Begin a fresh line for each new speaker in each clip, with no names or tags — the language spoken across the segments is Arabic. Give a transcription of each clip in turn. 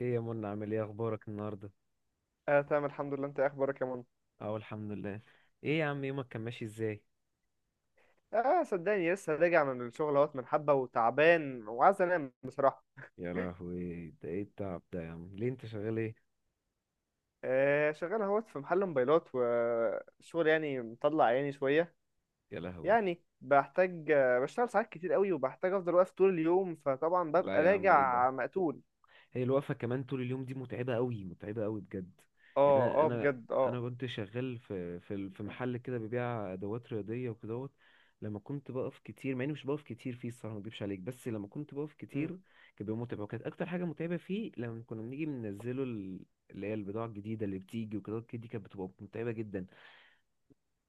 ايه يا منى، عامل ايه؟ اخبارك النهارده؟
اه تمام، الحمد لله. انت ايه اخبارك يا منى؟
اه، الحمد لله. ايه يا عم، يومك كان ماشي ازاي؟
اه صدقني لسه راجع من الشغل اهوت من حبه وتعبان وعايز انام بصراحه.
يا لهوي، ده ايه التعب ده يا عم؟ ليه، انت شغال ايه؟
آه شغال اهوت في محل موبايلات، والشغل يعني مطلع عيني شويه.
يا لهوي.
يعني بحتاج، بشتغل ساعات كتير قوي، وبحتاج افضل واقف طول اليوم، فطبعا ببقى
لا يا عم، ايه ده.
راجع مقتول.
هي الوقفة كمان طول اليوم دي متعبة قوي متعبة قوي بجد. يعني
اه
انا
اه
انا،
بجد اه.
انا كنت شغال في في ال- في محل كده ببيع ادوات رياضية وكدهوت. لما كنت بقف كتير، مع اني مش بقف كتير فيه الصراحة، ما اكدبش عليك، بس لما كنت بقف كتير كان بيبقى متعب. وكانت اكتر حاجة متعبة فيه لما كنا بنيجي بننزله اللي هي البضاعة الجديدة اللي بتيجي وكدهوت كده، دي كانت بتبقى متعبة جدا.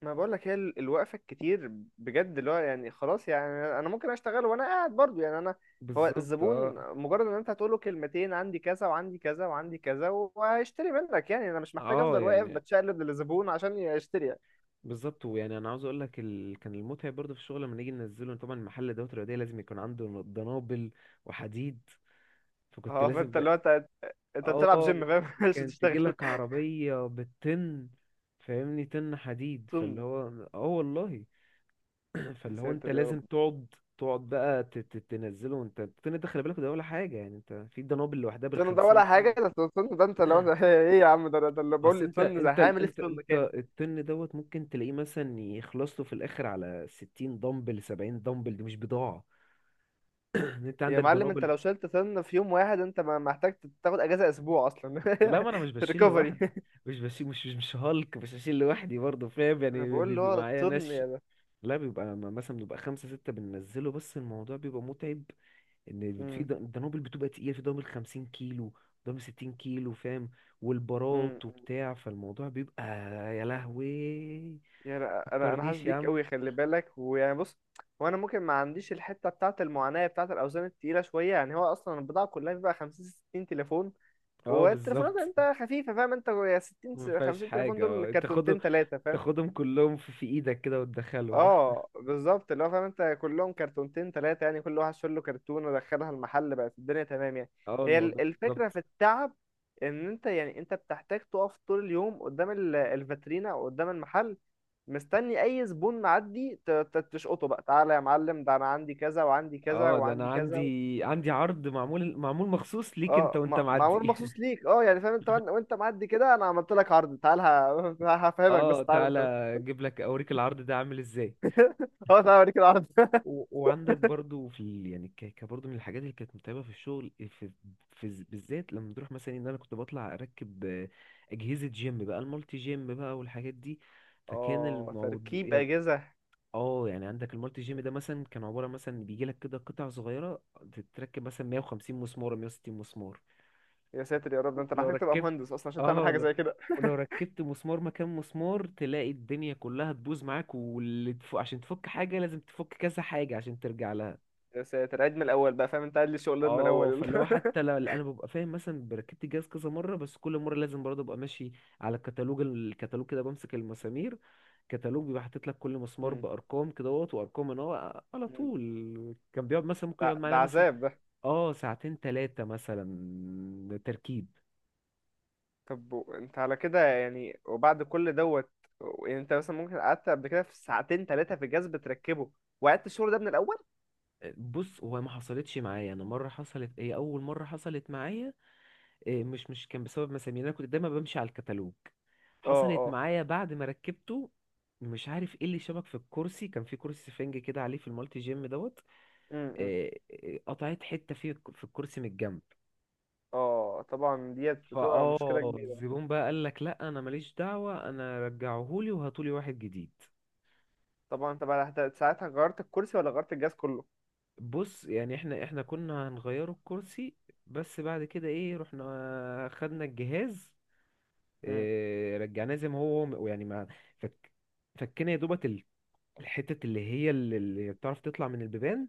ما بقولك هي الوقفة الكتير بجد، اللي هو يعني خلاص. يعني أنا ممكن أشتغل وأنا قاعد برضو، يعني أنا. هو
بالظبط،
الزبون
اه.
مجرد إن أنت هتقوله كلمتين، عندي كذا وعندي كذا وعندي كذا، وهيشتري منك. يعني أنا مش محتاج
اه
أفضل واقف
يعني
بتشقلب للزبون عشان يشتري، يعني.
بالظبط. ويعني انا عاوز اقول لك كان المتعب برضه في الشغل لما نيجي ننزله. طبعا محل ادوات رياضيه لازم يكون عنده دنابل وحديد، فكنت
أه
لازم
فأنت
ب-
اللي هو أنت، أنت بتلعب
اه،
جيم فاهم مش
كانت تجي
بتشتغل.
لك عربيه بالطن. فاهمني؟ طن حديد، فاللي
طن؟
هو اه والله.
يا
فاللي هو انت
ساتر يا رب.
لازم تقعد. تقعد بقى تنزله. انت الطن ده خلي بالك، ده ولا حاجه، يعني انت في دنابل لوحدها
طن ده
بالخمسين.
ولا حاجة؟ ده طن. ده أنت لو أنت إيه يا عم ده اللي بقول
اصل
لي
انت
طن. ده
انت ال-
هعمل إيه في
انت
طن
انت
كامل؟
الطن دوت ممكن تلاقيه مثلا يخلص له في الاخر على 60 دمبل 70 دمبل، دي مش بضاعه. ان انت
يا
عندك
معلم انت
دنابل.
لو شلت سن في يوم واحد انت ما محتاج تاخد اجازة اسبوع اصلا.
لا، ما انا مش بشيل
ريكفري.
لوحدي. مش هالك، مش هشيل لوحدي برضه، فاهم
انا
يعني
بقول اللي
بيبقى
هو
معايا
الطن
ناس.
يا ده.
لا، مثلا بيبقى خمسة ستة بننزله، بس الموضوع بيبقى متعب. ان في
امم.
دنابل بتبقى تقيلة، في دنابل 50 كيلو، دنابل 60 كيلو، فاهم.
امم.
والبارات وبتاع، فالموضوع بيبقى، يا لهوي.
يعني انا حاسس
فكرنيش يا
بيك
عم.
قوي، خلي بالك. ويعني بص، هو انا ممكن ما عنديش الحته بتاعه المعاناه بتاعه الاوزان التقيله شويه، يعني هو اصلا البضاعه كلها بيبقى 50 60 تليفون.
اه
والتليفونات
بالظبط.
انت خفيفه، فاهم انت؟ يا 60
ما فيهاش
50 تليفون
حاجة،
دول
اه، تاخدهم.
كرتونتين ثلاثه.
تاخدهم كلهم في ايدك كده وتدخلهم.
اه بالظبط، اللي هو فاهم انت كلهم كرتونتين ثلاثة، يعني كل واحد شاله كرتون ودخلها المحل، بقت الدنيا تمام يعني.
اه،
هي
الموضوع
الفكرة
بالظبط.
في التعب ان انت يعني انت بتحتاج تقف طول اليوم قدام الفاترينا او قدام المحل، مستني اي زبون معدي تشقطه بقى. تعالى يا معلم، ده انا عندي كذا وعندي كذا
اه، ده
وعندي
انا
كذا.
عندي، عرض معمول، مخصوص ليك انت
اه
وانت
معمول
معدي.
مخصوص ليك، اه يعني فاهم انت، وانت معدي كده انا عملت لك عرض. تعال، هفهمك،
اه
بس تعال
تعالى.
انت.
اجيب لك، اوريك العرض ده عامل ازاي.
اه تعال اوريك العرض.
وعندك برضو في يعني برضو من الحاجات اللي كانت متعبة في الشغل بالذات لما بنروح مثلا ان انا كنت بطلع اركب، اجهزة جيم بقى، المالتي جيم بقى والحاجات دي. فكان
اه
الموضوع
تركيب
يعني،
اجهزة.
اه، يعني عندك المالتي جيم ده مثلا كان عباره مثلا، بيجي لك كده قطع صغيره تتركب مثلا 150 مسمار 160 مسمار.
يا ساتر يا رب، ده انت
ولو
محتاج تبقى
ركبت،
مهندس اصلا عشان تعمل
اه
حاجه
لو
زي كده.
ولو ركبت مسمار مكان مسمار، تلاقي الدنيا كلها تبوظ معاك. واللي تفك، عشان تفك حاجه لازم تفك كذا حاجه عشان ترجع لها.
يا ساتر، عيد من الاول بقى، فاهم انت؟ قاعد لي شغلنا
اه،
الاول،
فاللي هو
يلا.
حتى لو انا ببقى فاهم، مثلا بركبت الجهاز كذا مره، بس كل مره لازم برضه ابقى ماشي على الكتالوج. الكتالوج كده بمسك المسامير، كتالوج بيبقى حاطط لك كل مسمار
مم.
بارقام كده اهوت، وارقام ان هو على
مم.
طول. كان بيقعد مثلا، ممكن
ده
يقعد
ده
معانا مثلا
عذاب ده.
اه ساعتين ثلاثه، مثلا تركيب.
طب، انت على كده يعني؟ وبعد كل دوت، يعني انت مثلا ممكن قعدت قبل كده في ساعتين ثلاثه في الجهاز بتركبه، وقعدت الشغل ده من الاول.
بص، هو ما حصلتش معايا انا مره، حصلت. ايه، اول مره حصلت معايا مش كان بسبب مسامير، انا كنت دايما بمشي على الكتالوج.
اه
حصلت
اه.
معايا بعد ما ركبته، مش عارف ايه اللي شبك في الكرسي، كان في كرسي سفنج كده عليه في المالتي جيم دوت.
مم، مم.
إيه، إيه، قطعت حتة فيه في الكرسي من الجنب.
اه طبعا ديت بتبقى مشكله
فاه،
كبيره.
الزبون بقى قال لك لا، انا ماليش دعوة، انا رجعهولي وهاتولي واحد جديد.
طبعا انت بقى ساعتها غيرت الكرسي ولا غيرت الجهاز كله؟
بص، يعني احنا كنا هنغيره الكرسي، بس بعد كده، ايه، رحنا خدنا الجهاز،
مم.
رجعناه زي ما هو، يعني ما فك، فكنا يا دوبك الحتت اللي هي اللي بتعرف تطلع من البيبان،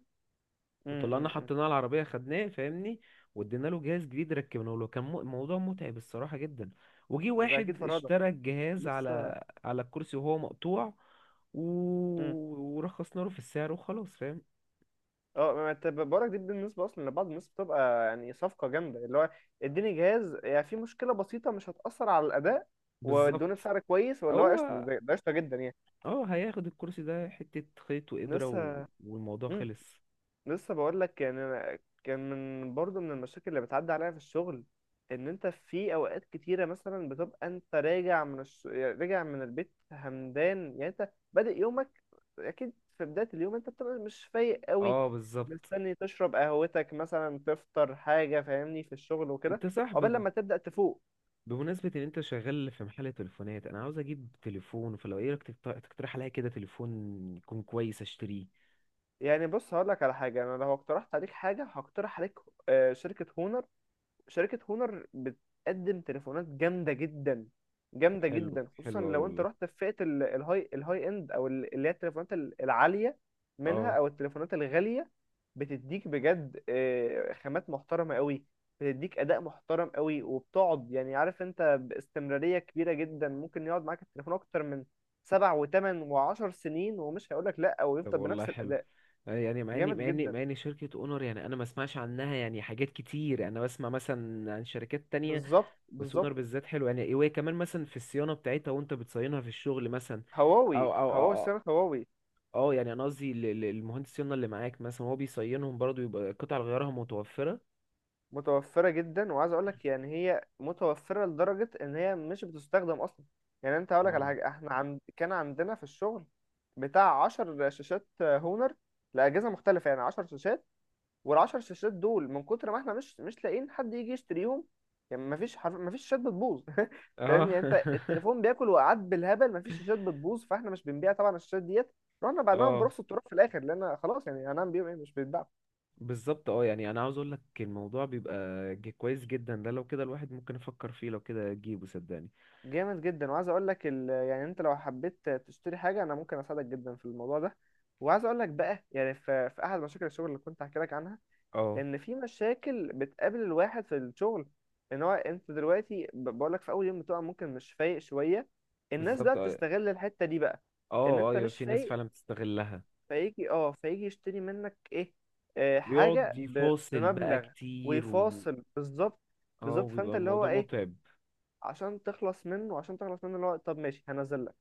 مم،
وطلعنا
مم، مم.
حطيناه على العربية، خدناه فاهمني، وادينا له جهاز جديد، ركبناه له. كان موضوع متعب الصراحة جدا. وجي
ما ده اكيد
واحد
فرهده
اشترى الجهاز
لسه.
على على الكرسي وهو مقطوع، و...
مم.
ورخصنا له في السعر، وخلاص فاهم.
اه ما انت بقولك، دي بالنسبه اصلا لبعض الناس بتبقى يعني صفقه جامده. اللي هو اديني جهاز، يعني في مشكله بسيطه مش هتاثر على الاداء، وادوني
بالظبط.
بسعر كويس، واللي هو قشطه.
هو،
ده ده قشطه جدا يعني.
اه، هياخد الكرسي ده حتة خيط وإبرة و...
لسه.
والموضوع
مم.
خلص.
لسه بقول لك يعني، أنا كان من برضه من المشاكل اللي بتعدي عليا في الشغل، ان انت في اوقات كتيره مثلا بتبقى انت راجع راجع من البيت همدان، يعني انت بادئ يومك، اكيد في بداية اليوم انت بتبقى مش فايق قوي،
اه، بالظبط.
مستني تشرب قهوتك مثلا، تفطر حاجة، فاهمني، في الشغل وكده،
انت صح.
عقبال لما تبدأ تفوق.
بمناسبة ان انت شغال في محل تليفونات، انا عاوز اجيب تليفون، فلو، ايه رأيك تقت-، تقترح عليا كده تليفون يكون كويس اشتريه؟
يعني بص، هقول لك على حاجة. انا لو اقترحت عليك حاجة هقترح عليك شركة هونر. شركة هونر بتقدم تليفونات جامدة جدا،
طب
جامدة
حلو
جدا. خصوصا
حلو اوي
لو انت
والله.
رحت في فئة الهاي، الهاي اند، او اللي هي التليفونات العالية منها،
اه،
او التليفونات الغالية. بتديك بجد خامات محترمة قوي، بتديك اداء محترم قوي، وبتقعد يعني، عارف انت، باستمرارية كبيرة جدا. ممكن يقعد معاك التليفون اكتر من سبع وثمان وعشر سنين، ومش هيقولك لا، او
طب
يفضل
والله
بنفس
حلو.
الاداء.
يعني مع اني
جامد
مع اني مع
جدا.
اني شركة اونر، يعني انا ما اسمعش عنها يعني حاجات كتير، انا بسمع مثلا عن شركات تانية،
بالظبط
بس
بالظبط.
اونر بالذات حلو يعني. وهي كمان مثلا في الصيانة بتاعتها وانت بتصينها في الشغل مثلا،
هواوي،
او او او
هواوي
او
سنة هواوي.
أو يعني انا قصدي ل المهندس الصيانة اللي معاك مثلا، هو بيصينهم برضو، يبقى قطع غيارها متوفرة.
متوفرة جدا، وعايز اقولك يعني هي متوفرة لدرجة ان هي مش بتستخدم اصلا. يعني انت هقولك على
اه،
حاجة، احنا عند كان عندنا في الشغل بتاع عشر شاشات هونر لأجهزة مختلفة، يعني عشر شاشات. والعشر شاشات دول من كتر ما احنا مش لاقيين حد يجي يشتريهم، يعني مفيش حرف، مفيش شاشات بتبوظ. فاهمني؟
اه.
يعني انت التليفون بياكل وقعات بالهبل، مفيش شاشات بتبوظ. فاحنا مش بنبيع طبعا الشاشات ديت، رحنا بعناهم
اه
برخص التراب في الاخر، لان خلاص يعني هنعمل بيهم ايه؟ مش بيتباع.
بالظبط. اه يعني انا عاوز اقول لك الموضوع بيبقى كويس جدا. ده لو كده الواحد ممكن يفكر فيه، لو كده اجيبه صدقني.
جامد جدا، وعايز اقول لك ال... يعني انت لو حبيت تشتري حاجه انا ممكن اساعدك جدا في الموضوع ده. وعايز اقول لك بقى، يعني في... في احد مشاكل الشغل اللي كنت هحكي لك عنها،
اه
ان في مشاكل بتقابل الواحد في الشغل. ان هو انت دلوقتي بقول لك في اول يوم بتبقى ممكن مش فايق شويه. الناس بقى
بالظبط. اه
بتستغل الحته دي بقى، ان
اه،
انت
ايوه
مش
في ناس
فايق.
فعلا بتستغلها.
فيجي، اه فيجي يشتري منك ايه، آه حاجه
ويقعد يفاصل بقى
بمبلغ،
كتير، و
ويفاصل. بالظبط
اه،
بالظبط.
وبيبقى
فانت اللي هو
الموضوع
ايه،
متعب.
عشان تخلص منه، عشان تخلص منه، اللي هو طب ماشي هنزل لك،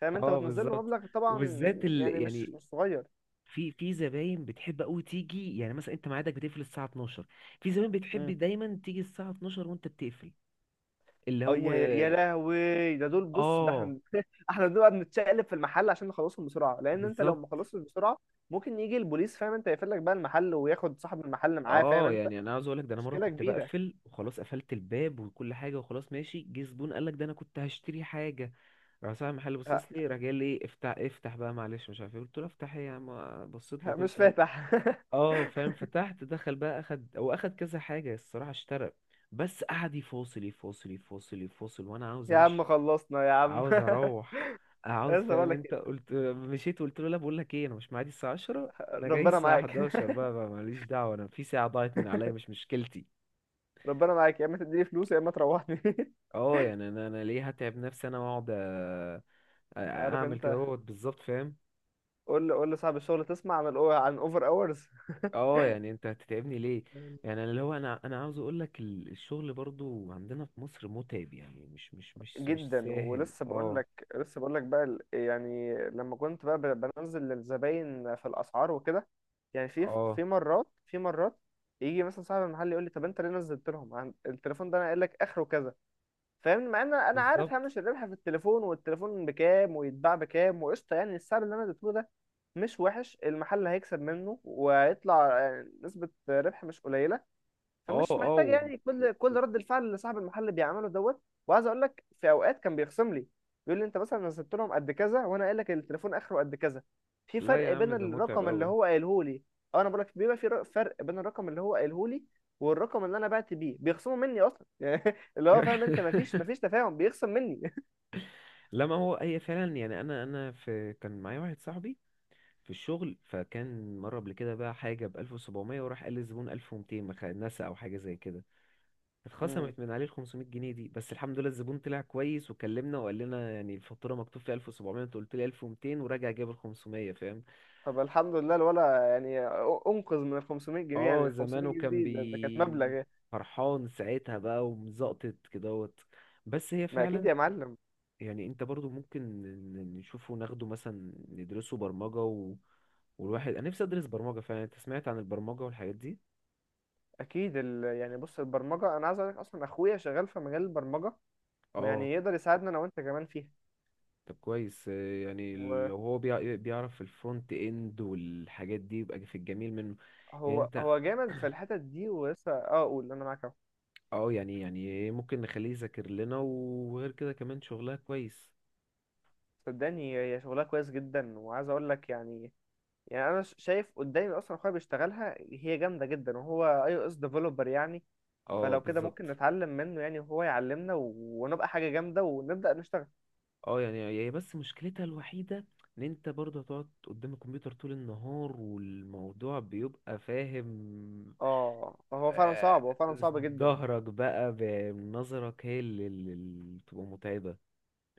فاهم انت،
اه،
وتنزل له
بالظبط.
مبلغ طبعا،
وبالذات
يعني مش
يعني
مش صغير.
في زباين بتحب قوي تيجي، يعني مثلا انت ميعادك بتقفل الساعه 12، في زباين بتحب
امم.
دايما تيجي الساعه 12 وانت بتقفل. اللي
اه
هو،
يا يا لهوي، ده دول بص، ده
اه،
احنا احنا دول بقى بنتشقلب في المحل عشان نخلصهم بسرعه، لان انت لو
بالظبط.
ما خلصتش بسرعه ممكن يجي البوليس، فاهم انت، يقفل لك بقى المحل وياخد صاحب المحل معاه، فاهم
اه
انت؟
يعني انا عاوز اقول لك، ده انا مره
مشكله
كنت
كبيره.
بقفل وخلاص، قفلت الباب وكل حاجه وخلاص ماشي، جه زبون قال لك ده انا كنت هشتري حاجه. راح صاحب المحل
ه-
باصص لي، راح جاي قال لي افتح افتح بقى معلش، مش عارف ايه. قلت له افتح ايه يا عم؟ بصيت له
مش
قلت له،
فاتح.
اه فاهم، فتحت. دخل بقى، اخد، هو اخد كذا حاجه الصراحه، اشترى، بس قعد يفاصل يفاصل يفاصل يفاصل وانا عاوز
يا عم
امشي،
خلصنا يا عم.
عاوز اروح، عاوز،
لسه
فاهم
بقول لك
انت، قلت مشيت، وقلت له لا، بقول لك ايه، انا مش معادي الساعه 10، انا جاي
ربنا
الساعه
معاك.
11 بقى ماليش دعوه، انا في ساعه ضاعت من عليا، مش مشكلتي.
ربنا معاك، يا اما تديني فلوس يا اما تروحني.
اه، يعني انا ليه هتعب نفسي انا واقعد
عارف
اعمل كده
انت،
اهوت، بالظبط فاهم.
قول لي، قول لصاحب الشغل تسمع عن عن اوفر اورز؟
اه، يعني انت هتتعبني ليه؟ يعني انا اللي هو، انا عاوز اقول لك الشغل برضو عندنا في مصر متعب، يعني مش
جدا.
سهل
ولسه بقول
اه.
لك، لسه بقول لك بقى يعني لما كنت بقى بنزل للزباين في الاسعار وكده، يعني في،
اه
في مرات، في مرات يجي مثلا صاحب المحل يقول لي: طب انت ليه نزلت لهم التليفون ده انا قايل لك اخره كذا. فاهم، مع ان انا عارف
بالظبط.
هامش الربح في التليفون، والتليفون بكام، ويتباع بكام، وقشطه يعني. السعر اللي انا اديته له ده مش وحش، المحل هيكسب منه وهيطلع يعني نسبه ربح مش قليله.
اه
فمش
اه،
محتاج يعني، كل رد الفعل اللي صاحب المحل بيعمله دوت. وعايز اقول لك، في اوقات كان بيخصم لي، بيقول لي انت مثلا نزلت لهم قد كذا وانا قايل لك التليفون اخره قد كذا، في
لا يا
فرق
عم
بين
ده متعب
الرقم اللي
قوي.
هو قايله لي. اه انا بقول لك، بيبقى في فرق بين الرقم اللي هو قايله لي والرقم اللي انا بعت بيه، بيخصموا مني اصلا. يعني اللي هو فاهم انت، مفيش تفاهم، بيخصم مني.
لا ما هو، هي فعلا، يعني انا في، كان معايا واحد صاحبي في الشغل، فكان مره قبل كده بقى حاجه ب 1700، وراح قال للزبون 1200، نسى او حاجه زي كده،
مم.
اتخصمت من عليه ال 500 جنيه دي. بس الحمد لله الزبون طلع كويس، وكلمنا وقال لنا يعني الفاتوره مكتوب فيها 1700، انت قلت لي 1200، وراجع جاب ال 500 فاهم.
طب الحمد لله الولا يعني انقذ من ال 500 جنيه، يعني
اه،
ال 500
زمانه
جنيه
كان
دي ده, ده كانت مبلغ
بي،
يعني.
فرحان ساعتها بقى ومزقطط كدهوت. بس هي
ما اكيد
فعلا،
يا معلم.
يعني انت برضو ممكن نشوفه، ناخده مثلا ندرسه برمجة و... والواحد، انا نفسي ادرس برمجة فعلا. انت سمعت عن البرمجة والحاجات دي؟
اكيد ال... يعني بص، البرمجه، انا عايز اقول لك اصلا اخويا شغال في مجال البرمجه،
اه
ويعني يقدر يساعدنا انا وانت كمان فيها.
طب كويس. يعني لو هو بيعرف في الفرونت اند والحاجات دي يبقى في الجميل منه. يعني
وهو،
انت،
هو جامد في الحتت دي، ولسه اه اقول انا معاك اهو.
اه يعني، يعني ممكن نخليه يذاكر لنا، وغير كده كمان شغلها كويس.
صدقني هي شغلها كويس جدا، وعايز اقول لك يعني، يعني انا شايف قدامي اصلا اخويا بيشتغلها، هي جامده جدا، وهو اي او اس ديفلوبر يعني.
اه
فلو كده ممكن
بالظبط.
نتعلم منه يعني، وهو يعلمنا و... ونبقى حاجه جامده ونبدا نشتغل.
اه يعني هي بس مشكلتها الوحيدة ان انت برضه هتقعد قدام الكمبيوتر طول النهار، والموضوع بيبقى فاهم.
اه هو فعلا صعب،
آه،
هو فعلا صعب جدا.
ظهرك بقى، بنظرك، هي اللي بتبقى متعبة.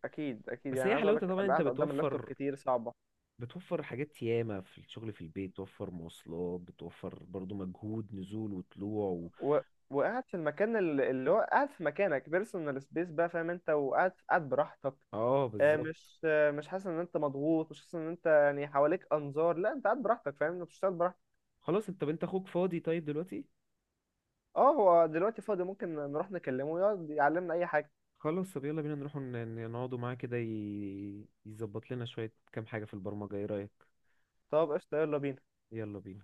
اكيد اكيد،
بس
يعني
هي
عايز اقول
حلاوتها
لك
طبعا انت
القعده قدام اللابتوب
بتوفر،
كتير صعبه.
بتوفر حاجات ياما، في الشغل في البيت بتوفر مواصلات، بتوفر برضو مجهود نزول وطلوع و...
و... وقاعد في المكان اللي هو قاعد في مكانك بيرسونال سبيس بقى، فاهم انت، وقاعد، قاعد براحتك.
اه بالظبط.
مش مش حاسس ان انت مضغوط، مش حاسس ان انت يعني حواليك انظار، لا انت قاعد براحتك فاهم انت، بتشتغل براحتك.
خلاص، انت، انت اخوك فاضي طيب دلوقتي؟
اه هو دلوقتي فاضي، ممكن نروح نكلمه يقعد يعلمنا اي حاجه.
خلاص، طب يلا بينا نروح نقعدوا معاه كده، يظبط لنا شوية كام حاجة في البرمجة، ايه رأيك؟
طب قشطه، يلا بينا.
يلا بينا.